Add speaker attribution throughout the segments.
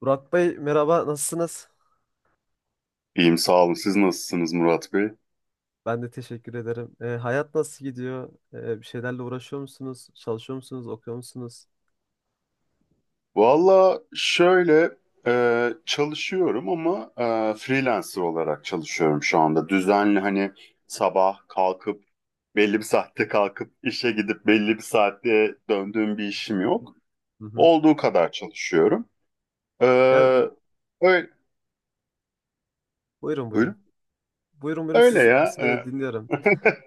Speaker 1: Burak Bey merhaba nasılsınız?
Speaker 2: İyiyim sağ olun. Siz nasılsınız Murat Bey?
Speaker 1: Ben de teşekkür ederim. Hayat nasıl gidiyor? Bir şeylerle uğraşıyor musunuz? Çalışıyor musunuz? Okuyor musunuz?
Speaker 2: Valla şöyle çalışıyorum ama freelancer olarak çalışıyorum şu anda. Düzenli hani sabah kalkıp belli bir saatte kalkıp işe gidip belli bir saatte döndüğüm bir işim yok.
Speaker 1: Hı hı.
Speaker 2: Olduğu kadar çalışıyorum. E,
Speaker 1: Yani.
Speaker 2: Öyle,
Speaker 1: Buyurun buyurun.
Speaker 2: buyurun.
Speaker 1: Buyurun buyurun,
Speaker 2: Öyle
Speaker 1: siz
Speaker 2: ya.
Speaker 1: söyle dinliyorum.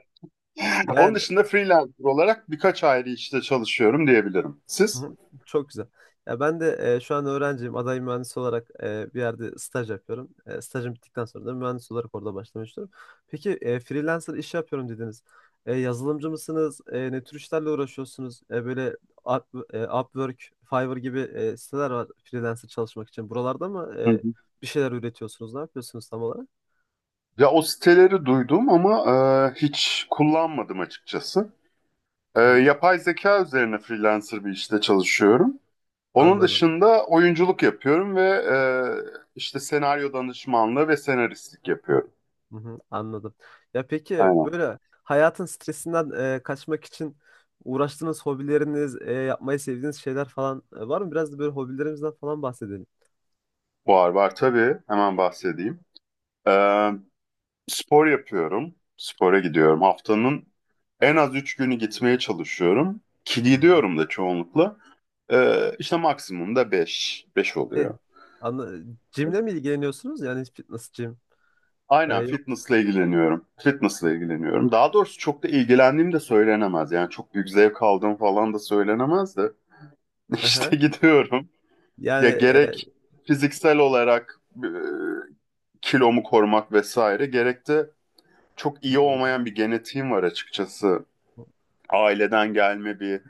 Speaker 2: Onun
Speaker 1: Yani.
Speaker 2: dışında freelancer olarak birkaç ayrı işte çalışıyorum diyebilirim.
Speaker 1: Hı
Speaker 2: Siz?
Speaker 1: hı. Çok güzel. Ya ben de şu an öğrenciyim. Aday mühendis olarak bir yerde staj yapıyorum. Stajım bittikten sonra da mühendis olarak orada başlamak istiyorum. Peki freelancer iş yapıyorum dediniz. Yazılımcı mısınız? Ne tür işlerle uğraşıyorsunuz? Böyle Upwork, Fiverr gibi siteler var freelancer çalışmak için. Buralarda mı bir şeyler üretiyorsunuz? Ne yapıyorsunuz tam olarak?
Speaker 2: Ya o siteleri duydum ama hiç kullanmadım açıkçası.
Speaker 1: Hı hı.
Speaker 2: Yapay zeka üzerine freelancer bir işte çalışıyorum. Onun
Speaker 1: Anladım.
Speaker 2: dışında oyunculuk yapıyorum ve işte senaryo danışmanlığı ve senaristlik yapıyorum.
Speaker 1: Hı hı, anladım. Ya peki
Speaker 2: Aynen.
Speaker 1: böyle hayatın stresinden kaçmak için uğraştığınız hobileriniz, yapmayı sevdiğiniz şeyler falan var mı? Biraz da böyle hobilerimizden falan bahsedelim.
Speaker 2: Var var tabii. Hemen bahsedeyim. E, Spor yapıyorum. Spora gidiyorum. Haftanın en az üç günü gitmeye çalışıyorum. Ki
Speaker 1: Hı hı.
Speaker 2: gidiyorum da çoğunlukla. İşte maksimum da beş. Beş
Speaker 1: E,
Speaker 2: oluyor.
Speaker 1: anla, jimle mi ilgileniyorsunuz? Yani fitness, jim. E,
Speaker 2: Aynen
Speaker 1: yok.
Speaker 2: fitnessla ilgileniyorum. Fitnessla ilgileniyorum. Daha doğrusu çok da ilgilendiğim de söylenemez. Yani çok büyük zevk aldığım falan da söylenemez de.
Speaker 1: Hı hı.
Speaker 2: İşte gidiyorum.
Speaker 1: Yani,
Speaker 2: Ya gerek fiziksel olarak kilomu korumak vesaire gerek de çok
Speaker 1: hı
Speaker 2: iyi
Speaker 1: hı.
Speaker 2: olmayan bir genetiğim var açıkçası. Aileden gelme bir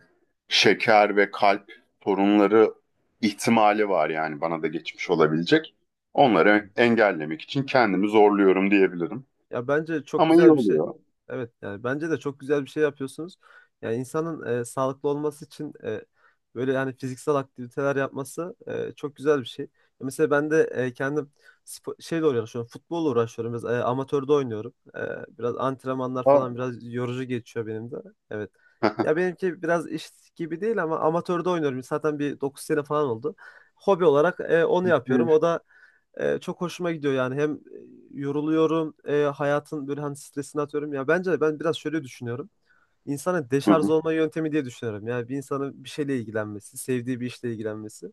Speaker 2: şeker ve kalp sorunları ihtimali var yani bana da geçmiş olabilecek. Onları engellemek için kendimi zorluyorum diyebilirim.
Speaker 1: Ya bence çok
Speaker 2: Ama iyi
Speaker 1: güzel bir şey.
Speaker 2: oluyor.
Speaker 1: Evet, yani bence de çok güzel bir şey yapıyorsunuz. Yani insanın sağlıklı olması için böyle yani fiziksel aktiviteler yapması çok güzel bir şey. Mesela ben de kendim şeyle uğraşıyorum. Futbolla uğraşıyorum. Biraz amatörde oynuyorum. Biraz antrenmanlar falan biraz yorucu geçiyor benim de. Evet. Ya benimki biraz iş gibi değil ama amatörde oynuyorum. Zaten bir 9 sene falan oldu. Hobi olarak onu yapıyorum. O
Speaker 2: Evet.
Speaker 1: da çok hoşuma gidiyor yani. Hem yoruluyorum, hayatın böyle hani stresini atıyorum. Ya bence de ben biraz şöyle düşünüyorum. İnsana
Speaker 2: Hı
Speaker 1: deşarj
Speaker 2: hı.
Speaker 1: olma yöntemi diye düşünüyorum. Yani bir insanın bir şeyle ilgilenmesi, sevdiği bir işle ilgilenmesi.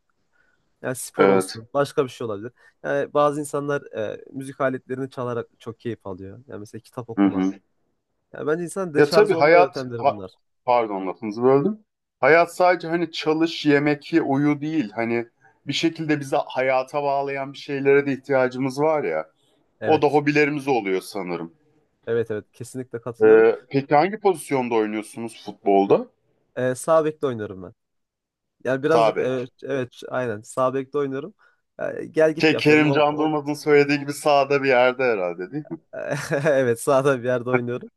Speaker 1: Yani spor
Speaker 2: Evet.
Speaker 1: olsun, başka bir şey olabilir. Yani bazı insanlar müzik aletlerini çalarak çok keyif alıyor. Yani mesela kitap
Speaker 2: Hı
Speaker 1: okumak.
Speaker 2: hı.
Speaker 1: Yani bence insanın
Speaker 2: Ya
Speaker 1: deşarj
Speaker 2: tabii
Speaker 1: olma
Speaker 2: hayat,
Speaker 1: yöntemleri bunlar.
Speaker 2: pardon lafınızı böldüm. Hayat sadece hani çalış, yemek, ye, uyu değil. Hani bir şekilde bizi hayata bağlayan bir şeylere de ihtiyacımız var ya. O da
Speaker 1: Evet.
Speaker 2: hobilerimiz oluyor sanırım.
Speaker 1: Evet evet, kesinlikle katılıyorum.
Speaker 2: Peki hangi pozisyonda oynuyorsunuz futbolda?
Speaker 1: Sağ bekte oynuyorum ben. Yani
Speaker 2: Sağ
Speaker 1: birazcık
Speaker 2: bek.
Speaker 1: evet, evet aynen sağ bekte oynuyorum. Yani gel git
Speaker 2: Şey,
Speaker 1: yapıyorum. O,
Speaker 2: Kerim Can
Speaker 1: o
Speaker 2: Durmaz'ın söylediği gibi sağda bir yerde herhalde değil mi?
Speaker 1: Evet, sağda bir yerde oynuyorum.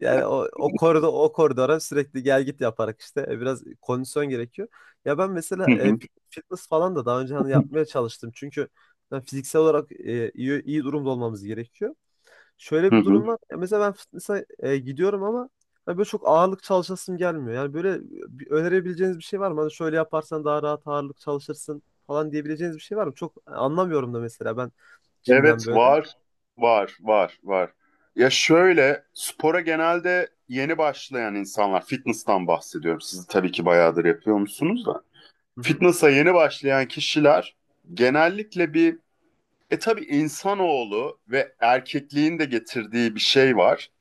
Speaker 1: Yani o koridor o koridora sürekli gel git yaparak işte biraz kondisyon gerekiyor. Ya ben mesela
Speaker 2: Hı hı.
Speaker 1: fitness falan da daha önce hani yapmaya çalıştım. Çünkü ben fiziksel olarak iyi iyi durumda olmamız gerekiyor. Şöyle
Speaker 2: Hı
Speaker 1: bir durum
Speaker 2: hı.
Speaker 1: var. Ya mesela ben fitness'a gidiyorum ama hani böyle çok ağırlık çalışasım gelmiyor. Yani böyle önerebileceğiniz bir şey var mı? Hani şöyle yaparsan daha rahat ağırlık çalışırsın falan diyebileceğiniz bir şey var mı? Çok anlamıyorum da mesela ben jimden
Speaker 2: Evet
Speaker 1: böyle.
Speaker 2: var, var, var, var. Ya şöyle, spora genelde yeni başlayan insanlar, fitness'tan bahsediyorum. Siz tabii ki bayağıdır yapıyor musunuz da.
Speaker 1: Hı hı.
Speaker 2: Fitness'a yeni başlayan kişiler genellikle bir, e tabii insanoğlu ve erkekliğin de getirdiği bir şey var.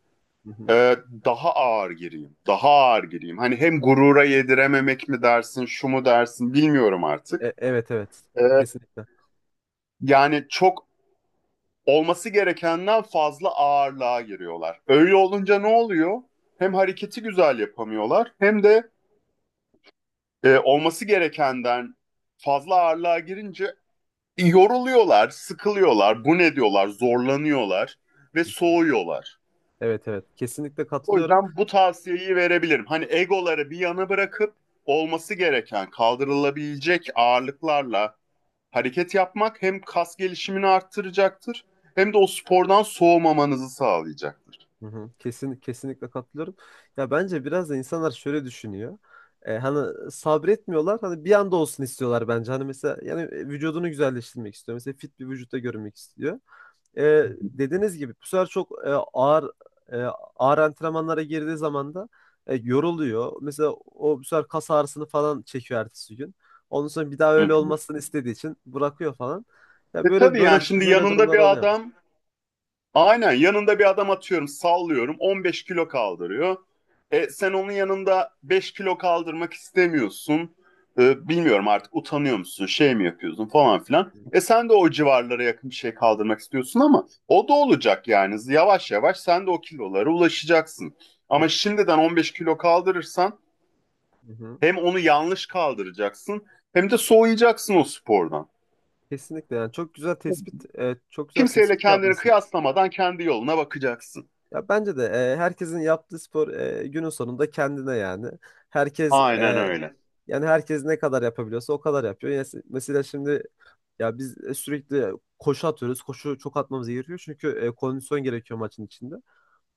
Speaker 1: Hı hı.
Speaker 2: Ee, Daha ağır gireyim, daha ağır gireyim. Hani hem gurura yedirememek mi dersin, şu mu dersin bilmiyorum
Speaker 1: E-
Speaker 2: artık.
Speaker 1: evet evet.
Speaker 2: Ee,
Speaker 1: Kesinlikle.
Speaker 2: Yani çok olması gerekenden fazla ağırlığa giriyorlar. Öyle olunca ne oluyor? Hem hareketi güzel yapamıyorlar hem de olması gerekenden fazla ağırlığa girince yoruluyorlar, sıkılıyorlar, bu ne diyorlar, zorlanıyorlar ve soğuyorlar.
Speaker 1: Evet evet. Kesinlikle
Speaker 2: O
Speaker 1: katılıyorum.
Speaker 2: yüzden bu tavsiyeyi verebilirim. Hani egoları bir yana bırakıp olması gereken, kaldırılabilecek ağırlıklarla hareket yapmak hem kas gelişimini arttıracaktır hem de o spordan soğumamanızı sağlayacaktır.
Speaker 1: Hı hı. Kesin, kesinlikle katılıyorum. Ya bence biraz da insanlar şöyle düşünüyor. Hani sabretmiyorlar. Hani bir anda olsun istiyorlar bence. Hani mesela yani vücudunu güzelleştirmek istiyor. Mesela fit bir vücutta görünmek istiyor. Dediğiniz gibi bu sefer çok e, ağır antrenmanlara girdiği zaman da yoruluyor. Mesela o bu sefer kas ağrısını falan çekiyor ertesi gün. Ondan sonra bir daha
Speaker 2: Hı
Speaker 1: öyle
Speaker 2: hı.
Speaker 1: olmasını istediği için bırakıyor falan. Ya
Speaker 2: E
Speaker 1: böyle
Speaker 2: tabii
Speaker 1: böyle
Speaker 2: yani şimdi
Speaker 1: böyle durumlar oluyor.
Speaker 2: yanında bir adam atıyorum sallıyorum 15 kilo kaldırıyor. Sen onun yanında 5 kilo kaldırmak istemiyorsun. Bilmiyorum artık utanıyor musun şey mi yapıyorsun falan filan. Sen de o civarlara yakın bir şey kaldırmak istiyorsun ama o da olacak yani yavaş yavaş sen de o kilolara ulaşacaksın.
Speaker 1: E,
Speaker 2: Ama şimdiden 15 kilo kaldırırsan
Speaker 1: hı hı.
Speaker 2: hem onu yanlış kaldıracaksın hem de soğuyacaksın o spordan.
Speaker 1: Kesinlikle yani çok güzel tespit, çok güzel
Speaker 2: Kimseyle
Speaker 1: tespit
Speaker 2: kendini
Speaker 1: yapmışsınız.
Speaker 2: kıyaslamadan kendi yoluna bakacaksın.
Speaker 1: Ya bence de herkesin yaptığı spor günün sonunda kendine yani. Herkes
Speaker 2: Aynen öyle.
Speaker 1: yani herkes ne kadar yapabiliyorsa o kadar yapıyor. Yani mesela şimdi ya biz sürekli koşu atıyoruz. Koşu çok atmamız gerekiyor çünkü kondisyon gerekiyor maçın içinde.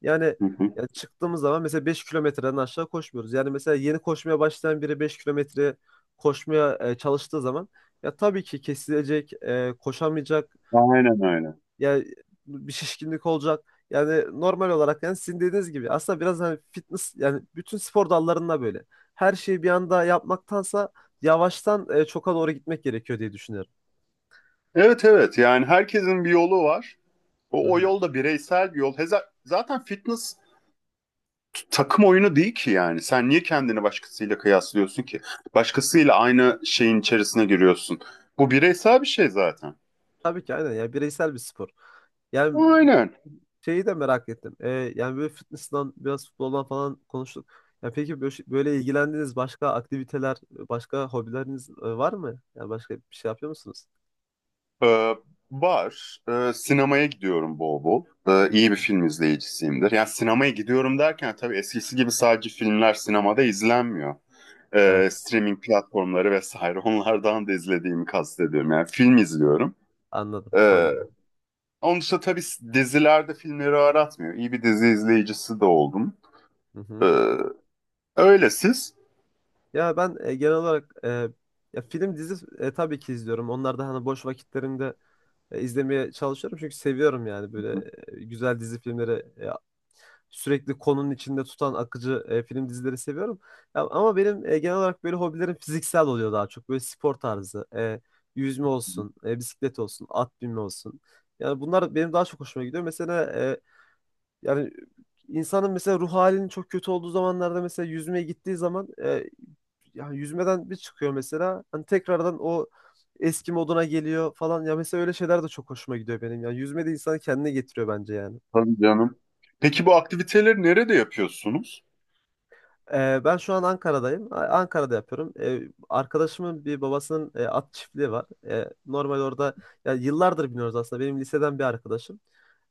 Speaker 1: Yani
Speaker 2: Hı hı.
Speaker 1: ya çıktığımız zaman mesela 5 kilometreden aşağı koşmuyoruz. Yani mesela yeni koşmaya başlayan biri 5 kilometre koşmaya çalıştığı zaman ya tabii ki kesilecek, koşamayacak
Speaker 2: Aynen öyle.
Speaker 1: yani bir şişkinlik olacak. Yani normal olarak yani sizin dediğiniz gibi aslında biraz hani fitness yani bütün spor dallarında böyle. Her şeyi bir anda yapmaktansa yavaştan çoka doğru gitmek gerekiyor diye düşünüyorum.
Speaker 2: Evet evet yani herkesin bir yolu var.
Speaker 1: Hı
Speaker 2: O, o
Speaker 1: hı.
Speaker 2: yol da bireysel bir yol. Zaten fitness takım oyunu değil ki yani. Sen niye kendini başkasıyla kıyaslıyorsun ki? Başkasıyla aynı şeyin içerisine giriyorsun. Bu bireysel bir şey zaten.
Speaker 1: Tabii ki aynen, ya bireysel bir spor. Yani
Speaker 2: Aynen.
Speaker 1: şeyi de merak ettim. Yani böyle fitness'dan biraz futboldan falan konuştuk. Ya peki böyle ilgilendiğiniz başka aktiviteler, başka hobileriniz var mı? Yani başka bir şey yapıyor musunuz?
Speaker 2: Ee, Var. Sinemaya gidiyorum bol bol.
Speaker 1: Hı hı.
Speaker 2: İyi bir film izleyicisiyimdir. Yani sinemaya gidiyorum derken tabii eskisi gibi sadece filmler sinemada izlenmiyor.
Speaker 1: Evet,
Speaker 2: Streaming platformları vesaire onlardan da izlediğimi kastediyorum. Yani film izliyorum.
Speaker 1: anladım, hobi
Speaker 2: Ee,
Speaker 1: olarak.
Speaker 2: Onun dışında tabii dizilerde filmleri aratmıyor. İyi bir dizi izleyicisi de oldum.
Speaker 1: Hı
Speaker 2: Ee,
Speaker 1: hı.
Speaker 2: Öyle siz.
Speaker 1: Ya ben genel olarak ya film dizi tabii ki izliyorum. Onlar da hani boş vakitlerimde izlemeye çalışıyorum. Çünkü seviyorum yani böyle
Speaker 2: Hı hı.
Speaker 1: güzel dizi filmleri e, sürekli konunun içinde tutan akıcı film dizileri seviyorum. Ya, ama benim genel olarak böyle hobilerim fiziksel oluyor daha çok. Böyle spor tarzı. Yüzme olsun, bisiklet olsun, at binme olsun. Yani bunlar benim daha çok hoşuma gidiyor. Mesela yani insanın mesela ruh halinin çok kötü olduğu zamanlarda mesela yüzmeye gittiği zaman yani yüzmeden bir çıkıyor mesela. Hani tekrardan o eski moduna geliyor falan. Ya mesela öyle şeyler de çok hoşuma gidiyor benim. Yani yüzme de insanı kendine getiriyor bence yani.
Speaker 2: Tabii canım. Peki bu aktiviteleri nerede yapıyorsunuz?
Speaker 1: Ben şu an Ankara'dayım. Ankara'da yapıyorum. Arkadaşımın bir babasının at çiftliği var. Normal orada ya yıllardır biniyoruz aslında. Benim liseden bir arkadaşım.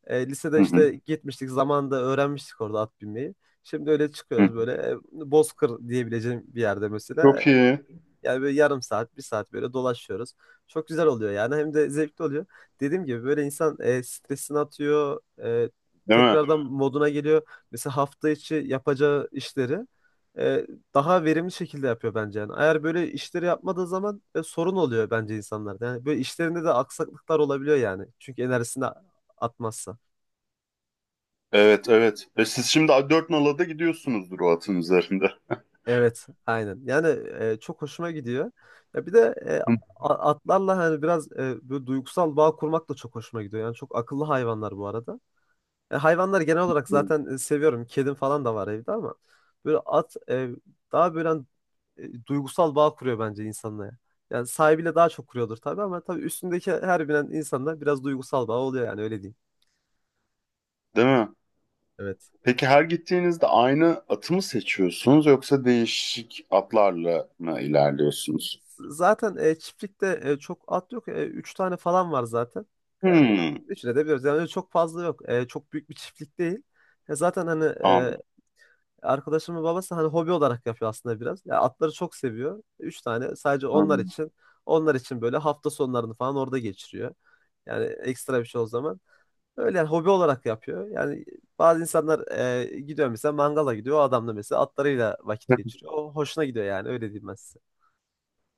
Speaker 1: Lisede
Speaker 2: Hı hı.
Speaker 1: işte gitmiştik zamanında, öğrenmiştik orada at binmeyi. Şimdi öyle
Speaker 2: Hı.
Speaker 1: çıkıyoruz böyle Bozkır diyebileceğim bir yerde mesela.
Speaker 2: Çok iyi.
Speaker 1: Yani böyle yarım saat, bir saat böyle dolaşıyoruz. Çok güzel oluyor yani, hem de zevkli oluyor. Dediğim gibi böyle insan stresini atıyor,
Speaker 2: Değil mi?
Speaker 1: tekrardan moduna geliyor. Mesela hafta içi yapacağı işleri e, daha verimli şekilde yapıyor bence yani. Eğer böyle işleri yapmadığı zaman sorun oluyor bence insanlarda. Yani böyle işlerinde de aksaklıklar olabiliyor yani. Çünkü enerjisini atmazsa.
Speaker 2: Evet evet. E siz şimdi 4 Nala'da gidiyorsunuzdur o atın üzerinde.
Speaker 1: Evet, aynen. Yani çok hoşuma gidiyor. Ya bir de
Speaker 2: Hı.
Speaker 1: atlarla hani biraz böyle duygusal bağ kurmak da çok hoşuma gidiyor. Yani çok akıllı hayvanlar bu arada. Hayvanlar genel olarak zaten seviyorum. Kedim falan da var evde ama böyle at daha böyle hani, duygusal bağ kuruyor bence insanla, ya. Yani sahibiyle daha çok kuruyordur tabii, ama tabii üstündeki her binen insanla biraz duygusal bağ oluyor yani, öyle diyeyim.
Speaker 2: Değil mi?
Speaker 1: Evet.
Speaker 2: Peki her gittiğinizde aynı atı mı seçiyorsunuz yoksa değişik atlarla mı ilerliyorsunuz?
Speaker 1: Zaten çiftlikte çok at yok. Üç tane falan var zaten. Yani
Speaker 2: Hmm,
Speaker 1: üçüne de biliyoruz. Yani öyle çok fazla yok. Çok büyük bir çiftlik değil. Zaten hani
Speaker 2: anladım.
Speaker 1: arkadaşımın babası hani hobi olarak yapıyor aslında biraz. Ya, atları çok seviyor. Üç tane sadece onlar
Speaker 2: Anladım.
Speaker 1: için. Onlar için böyle hafta sonlarını falan orada geçiriyor. Yani ekstra bir şey o zaman. Öyle yani, hobi olarak yapıyor. Yani bazı insanlar gidiyor mesela, mangala gidiyor. O adam da mesela atlarıyla vakit geçiriyor. O hoşuna gidiyor, yani öyle diyeyim ben size.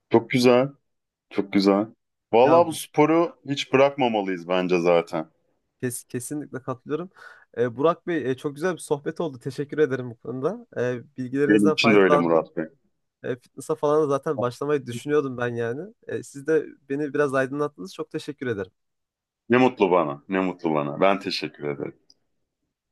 Speaker 2: Çok güzel, çok güzel.
Speaker 1: Ya
Speaker 2: Vallahi bu sporu hiç bırakmamalıyız bence zaten.
Speaker 1: kesinlikle katılıyorum. Burak Bey, çok güzel bir sohbet oldu. Teşekkür ederim bu konuda. Ee,
Speaker 2: Benim
Speaker 1: bilgilerinizden
Speaker 2: için de öyle
Speaker 1: faydalandım.
Speaker 2: Murat Bey.
Speaker 1: Fitness'a falan da zaten başlamayı düşünüyordum ben yani. Siz de beni biraz aydınlattınız. Çok teşekkür ederim.
Speaker 2: Ne mutlu bana, ne mutlu bana. Ben teşekkür ederim.